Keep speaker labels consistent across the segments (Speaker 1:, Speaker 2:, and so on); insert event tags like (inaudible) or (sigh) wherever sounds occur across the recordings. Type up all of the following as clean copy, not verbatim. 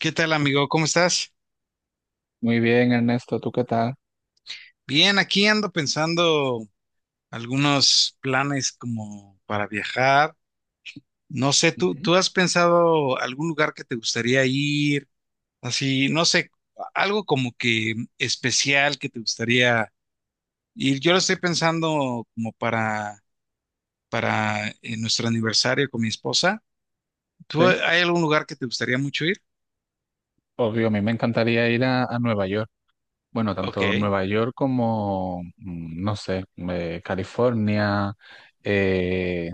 Speaker 1: ¿Qué tal, amigo? ¿Cómo estás?
Speaker 2: Muy bien, Ernesto, ¿tú qué tal?
Speaker 1: Bien, aquí ando pensando algunos planes como para viajar. No sé, ¿tú,
Speaker 2: Ujú.
Speaker 1: tú has pensado algún lugar que te gustaría ir? Así, no sé, algo como que especial que te gustaría ir. Yo lo estoy pensando como para nuestro aniversario con mi esposa.
Speaker 2: Sí,
Speaker 1: ¿Tú, hay algún lugar que te gustaría mucho ir?
Speaker 2: obvio, a mí me encantaría ir a Nueva York. Bueno, tanto
Speaker 1: Ok.
Speaker 2: Nueva York como, no sé, California, eh,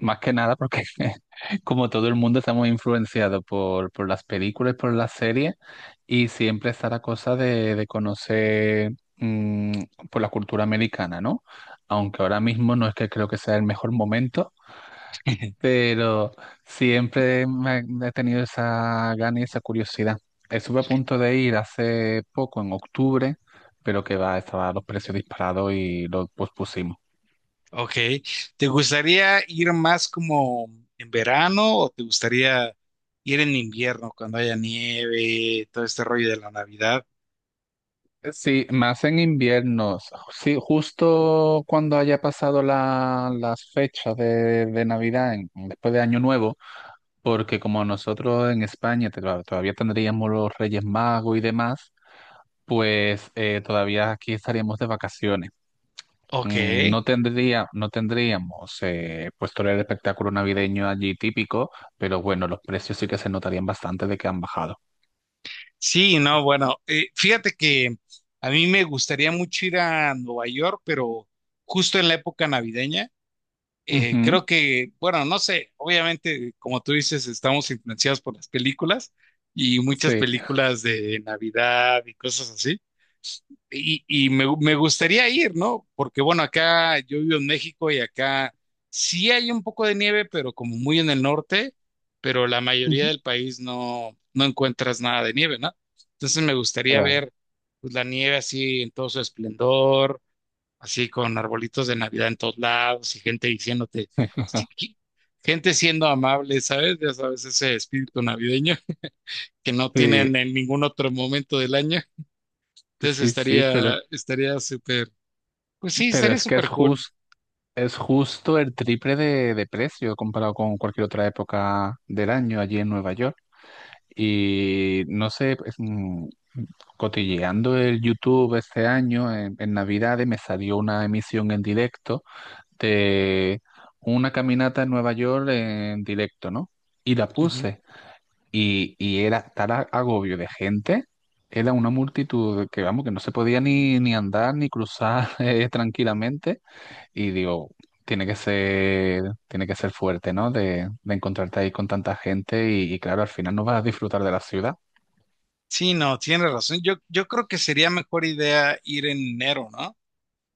Speaker 2: más que nada porque (laughs) como todo el mundo estamos influenciados por las películas, por las series, y siempre está la cosa de conocer mm, por la cultura americana, ¿no? Aunque ahora mismo no es que creo que sea el mejor momento.
Speaker 1: (laughs)
Speaker 2: Pero siempre me, he tenido esa gana y esa curiosidad. Estuve a punto de ir hace poco, en octubre, pero que va, estaban los precios disparados y lo pospusimos.
Speaker 1: Ok. ¿Te gustaría ir más como en verano o te gustaría ir en invierno cuando haya nieve, todo este rollo de la Navidad?
Speaker 2: Sí, más en inviernos. Sí, justo cuando haya pasado las fechas de Navidad, después de Año Nuevo, porque como nosotros en España claro, todavía tendríamos los Reyes Magos y demás, pues todavía aquí estaríamos de vacaciones.
Speaker 1: Ok.
Speaker 2: No tendríamos pues todo el espectáculo navideño allí típico, pero bueno, los precios sí que se notarían bastante de que han bajado.
Speaker 1: Sí, no, bueno, fíjate que a mí me gustaría mucho ir a Nueva York, pero justo en la época navideña.
Speaker 2: Ujú,
Speaker 1: Creo que, bueno, no sé, obviamente, como tú dices, estamos influenciados por las películas y muchas
Speaker 2: sí,
Speaker 1: películas de Navidad y cosas así. Y, y me gustaría ir, ¿no? Porque bueno, acá yo vivo en México y acá sí hay un poco de nieve, pero como muy en el norte, pero la mayoría
Speaker 2: ujú,
Speaker 1: del país no, no encuentras nada de nieve, ¿no? Entonces me gustaría
Speaker 2: claro.
Speaker 1: ver pues, la nieve así en todo su esplendor, así con arbolitos de Navidad en todos lados y gente diciéndote, sí,
Speaker 2: (laughs)
Speaker 1: gente siendo amable, ¿sabes? Ya sabes, ese espíritu navideño (laughs) que no
Speaker 2: Sí,
Speaker 1: tienen en ningún otro momento del año. Entonces
Speaker 2: sí, sí,
Speaker 1: estaría súper pues sí,
Speaker 2: pero
Speaker 1: estaría
Speaker 2: es que
Speaker 1: súper cool.
Speaker 2: es justo el triple de precio comparado con cualquier otra época del año allí en Nueva York. Y no sé, pues, cotilleando el YouTube este año en Navidades me salió una emisión en directo de una caminata en Nueva York en directo, ¿no? Y la
Speaker 1: Ujú.
Speaker 2: puse. Y era tal agobio de gente, era una multitud que, vamos, que no se podía ni andar ni cruzar (laughs) tranquilamente. Y digo, tiene que ser fuerte, ¿no? De encontrarte ahí con tanta gente y claro, al final no vas a disfrutar de la ciudad.
Speaker 1: Sí, no, tienes razón. Yo creo que sería mejor idea ir en enero, ¿no?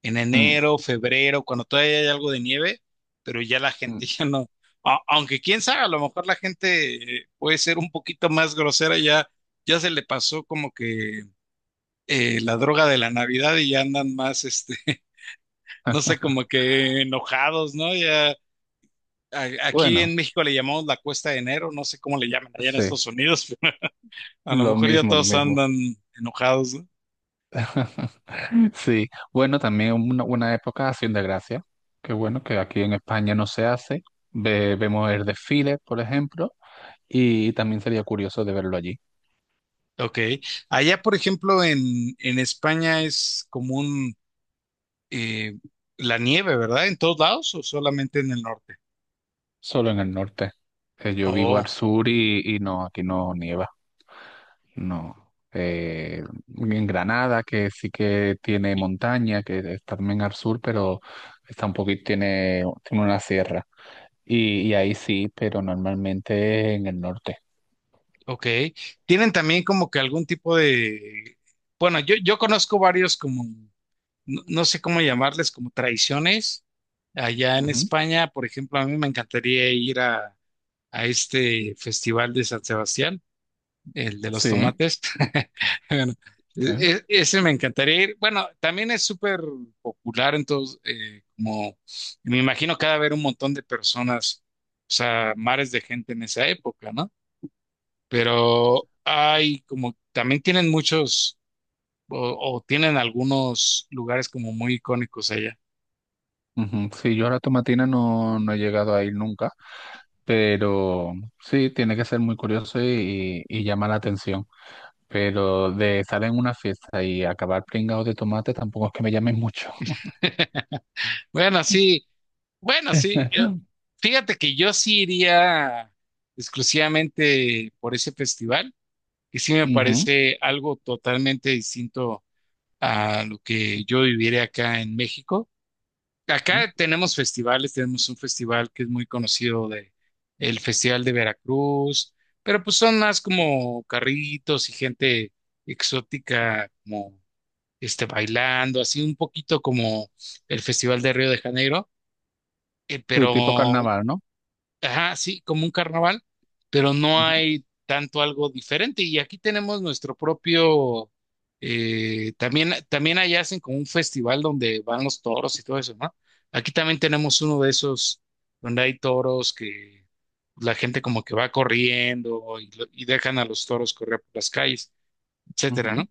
Speaker 1: En
Speaker 2: Mm,
Speaker 1: enero, febrero, cuando todavía hay algo de nieve, pero ya la
Speaker 2: mm.
Speaker 1: gente (laughs) ya no. Aunque quién sabe, a lo mejor la gente puede ser un poquito más grosera, ya, ya se le pasó como que la droga de la Navidad y ya andan más, este, (laughs) no sé, como que enojados, ¿no? Ya aquí en
Speaker 2: Bueno,
Speaker 1: México le llamamos la cuesta de enero, no sé cómo le llaman allá en
Speaker 2: sí,
Speaker 1: Estados Unidos. A lo
Speaker 2: lo
Speaker 1: mejor ya
Speaker 2: mismo, lo
Speaker 1: todos
Speaker 2: mismo.
Speaker 1: andan enojados, ¿no?
Speaker 2: (laughs) Sí, bueno, también una época Hacienda Gracia, que bueno, que aquí en España no se hace. Vemos el desfile, por ejemplo, y también sería curioso de verlo allí,
Speaker 1: Ok. Allá, por ejemplo, en España es común eh, la nieve, ¿verdad? ¿En todos lados o solamente en el norte?
Speaker 2: solo en el norte. Que yo vivo
Speaker 1: Oh,
Speaker 2: al sur y no, aquí no nieva, no. Eh, en Granada, que sí que tiene montaña, que es también al sur, pero está un poquito, tiene una sierra. Y ahí sí, pero normalmente en el norte.
Speaker 1: ok. Tienen también como que algún tipo de... Bueno, yo conozco varios como, no, no sé cómo llamarles, como tradiciones. Allá en España, por ejemplo, a mí me encantaría ir a este festival de San Sebastián, el de los
Speaker 2: Sí,
Speaker 1: tomates. (laughs) Bueno,
Speaker 2: sí.
Speaker 1: ese me encantaría ir. Bueno, también es súper popular, entonces, como me imagino que ha de haber un montón de personas, o sea, mares de gente en esa época, ¿no? Pero hay como, también tienen muchos, o tienen algunos lugares como muy icónicos allá.
Speaker 2: Ujú. Sí, yo a la tomatina no he llegado a ir nunca, pero sí, tiene que ser muy curioso y llama la atención. Pero de estar en una fiesta y acabar pringado de tomate tampoco es que me llame mucho.
Speaker 1: (laughs) Bueno, sí, bueno, sí.
Speaker 2: (laughs)
Speaker 1: Fíjate que yo sí iría exclusivamente por ese festival, que sí me
Speaker 2: Ujú.
Speaker 1: parece algo totalmente distinto a lo que yo viviré acá en México.
Speaker 2: Ah,
Speaker 1: Acá tenemos festivales, tenemos un festival que es muy conocido de el Festival de Veracruz, pero pues son más como carritos y gente exótica como este bailando, así un poquito como el Festival de Río de Janeiro,
Speaker 2: sí,
Speaker 1: pero
Speaker 2: tipo carnaval, ¿no?
Speaker 1: ajá, sí, como un carnaval, pero no hay tanto algo diferente. Y aquí tenemos nuestro propio, también, también allá hacen como un festival donde van los toros y todo eso, ¿no? Aquí también tenemos uno de esos donde hay toros que la gente como que va corriendo y, y dejan a los toros correr por las calles,
Speaker 2: Ujú, ujú.
Speaker 1: etcétera, ¿no?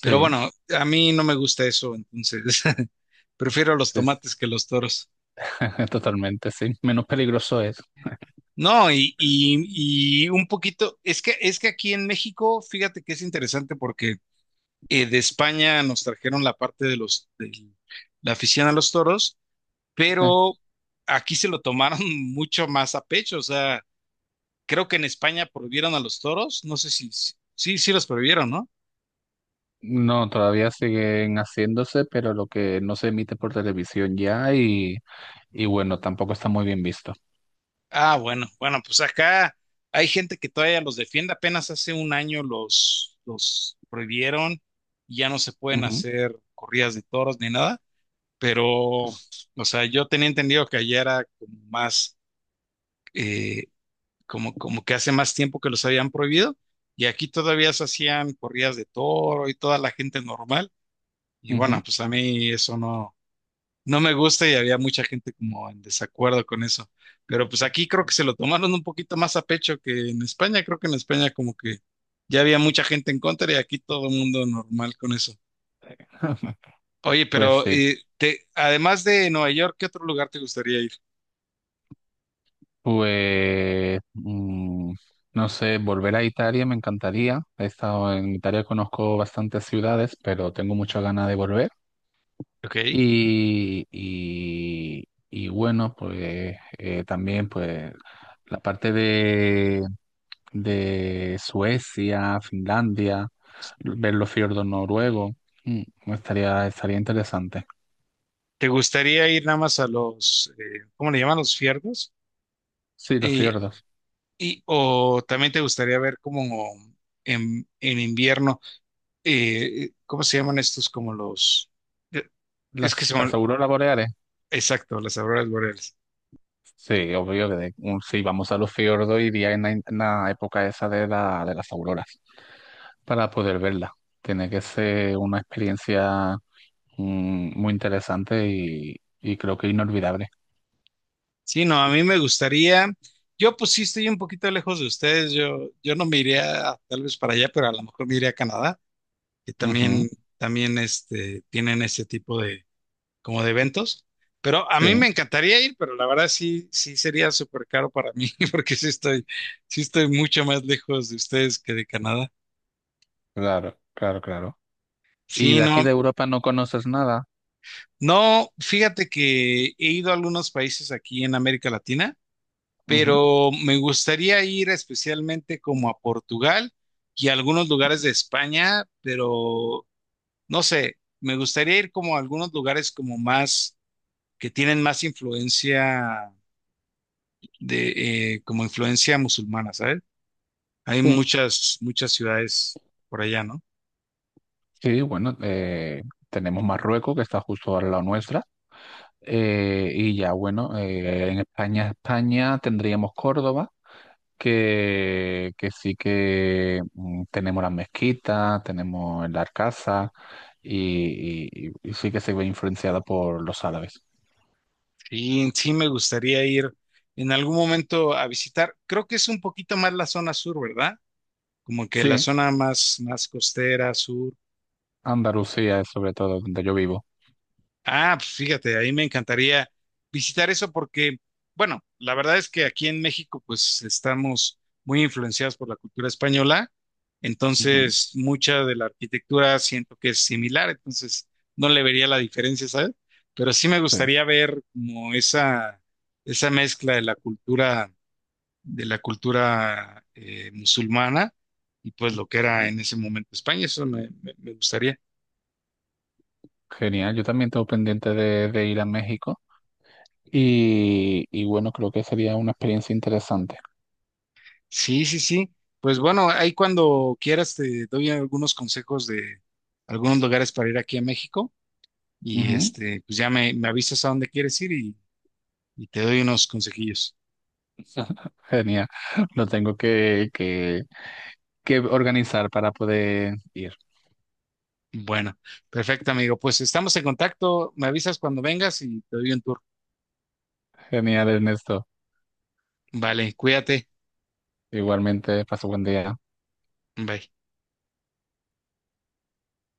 Speaker 1: Pero bueno, a mí no me gusta eso, entonces (laughs) prefiero los
Speaker 2: sí, sí.
Speaker 1: tomates que los toros.
Speaker 2: (laughs) Totalmente, sí. Menos peligroso es.
Speaker 1: No, y un poquito, es que aquí en México, fíjate que es interesante porque de España nos trajeron la parte de de la afición a los toros,
Speaker 2: Sí.
Speaker 1: pero aquí se lo tomaron (laughs) mucho más a pecho. O sea, creo que en España prohibieron a los toros, no sé si, sí, sí los prohibieron, ¿no?
Speaker 2: No, todavía siguen haciéndose, pero lo que no se emite por televisión ya y... Y bueno, tampoco está muy bien visto.
Speaker 1: Ah, bueno, bueno, pues acá hay gente que todavía los defiende, apenas hace un año los prohibieron, y ya no se pueden
Speaker 2: Ujú,
Speaker 1: hacer corridas de toros ni nada. Pero, o sea, yo tenía entendido que allá era como más, eh, como, como que hace más tiempo que los habían prohibido, y aquí todavía se hacían corridas de toro y toda la gente normal, y bueno,
Speaker 2: ujú.
Speaker 1: pues a mí eso no, no me gusta y había mucha gente como en desacuerdo con eso, pero pues aquí creo que se lo tomaron un poquito más a pecho que en España, creo que en España como que ya había mucha gente en contra y aquí todo el mundo normal con eso.
Speaker 2: (laughs)
Speaker 1: Oye,
Speaker 2: Pues
Speaker 1: pero
Speaker 2: sí,
Speaker 1: además de Nueva York, ¿qué otro lugar te gustaría ir?
Speaker 2: pues no sé, volver a Italia me encantaría. He estado en Italia, conozco bastantes ciudades, pero tengo muchas ganas de volver.
Speaker 1: Ok.
Speaker 2: Y, y, y bueno, pues también pues la parte de Suecia, Finlandia, ver los fiordos noruegos, estaría interesante.
Speaker 1: ¿Te gustaría ir nada más a los, ¿cómo le llaman? Los fiordos.
Speaker 2: Sí, los
Speaker 1: Eh,
Speaker 2: fiordos.
Speaker 1: y, o también te gustaría ver como en invierno, ¿cómo se llaman estos? Como los, eh, es que
Speaker 2: Las
Speaker 1: son,
Speaker 2: auroras boreales,
Speaker 1: exacto, las auroras boreales.
Speaker 2: sí, obvio que si vamos a los fiordos iría en en la época esa de las auroras para poder verla. Tiene que ser una experiencia muy interesante y creo que inolvidable.
Speaker 1: Sí, no, a mí me gustaría, yo pues sí estoy un poquito lejos de ustedes, yo no me iría tal vez para allá, pero a lo mejor me iría a Canadá, que también,
Speaker 2: Ujú,
Speaker 1: también este, tienen ese tipo como de eventos. Pero a mí me
Speaker 2: sí,
Speaker 1: encantaría ir, pero la verdad sí, sí sería súper caro para mí, (laughs) porque sí estoy mucho más lejos de ustedes que de Canadá.
Speaker 2: claro, claro, claro. ¿Y
Speaker 1: Sí,
Speaker 2: de aquí
Speaker 1: no,
Speaker 2: de Europa no conoces nada?
Speaker 1: no, fíjate que he ido a algunos países aquí en América Latina,
Speaker 2: Ujú,
Speaker 1: pero me gustaría ir especialmente como a Portugal y a algunos lugares de España, pero no sé, me gustaría ir como a algunos lugares como más, que tienen más influencia de como influencia musulmana, ¿sabes? Hay
Speaker 2: sí,
Speaker 1: muchas, muchas ciudades por allá, ¿no?
Speaker 2: sí, bueno, tenemos Marruecos que está justo al lado nuestra. Y ya, bueno, en España, España tendríamos Córdoba que sí que tenemos las mezquitas tenemos la arcasa y sí que se ve influenciada por los árabes.
Speaker 1: Y sí me gustaría ir en algún momento a visitar. Creo que es un poquito más la zona sur, ¿verdad? Como que la
Speaker 2: Sí,
Speaker 1: zona más, más costera, sur.
Speaker 2: Andalucía es sobre todo donde yo vivo.
Speaker 1: Ah, pues fíjate, ahí me encantaría visitar eso porque, bueno, la verdad es que aquí en México pues estamos muy influenciados por la cultura española,
Speaker 2: Ujú,
Speaker 1: entonces mucha de la arquitectura siento que es similar, entonces no le vería la diferencia, ¿sabes? Pero sí me gustaría ver como esa mezcla de la cultura musulmana y pues lo que
Speaker 2: sí.
Speaker 1: era
Speaker 2: Ujú.
Speaker 1: en ese momento España, eso me gustaría.
Speaker 2: Genial, yo también tengo pendiente de ir a México y bueno, creo que sería una experiencia interesante.
Speaker 1: Sí, sí, sí. Pues bueno, ahí cuando quieras te doy algunos consejos de algunos lugares para ir aquí a México y
Speaker 2: Ujú.
Speaker 1: este, pues ya me avisas a dónde quieres ir y te doy unos consejillos.
Speaker 2: (laughs) Genial, lo tengo que organizar para poder ir.
Speaker 1: Bueno, perfecto, amigo. Pues estamos en contacto. Me avisas cuando vengas y te doy un tour.
Speaker 2: Genial, Ernesto.
Speaker 1: Vale, cuídate.
Speaker 2: Igualmente, paso buen día.
Speaker 1: Bye.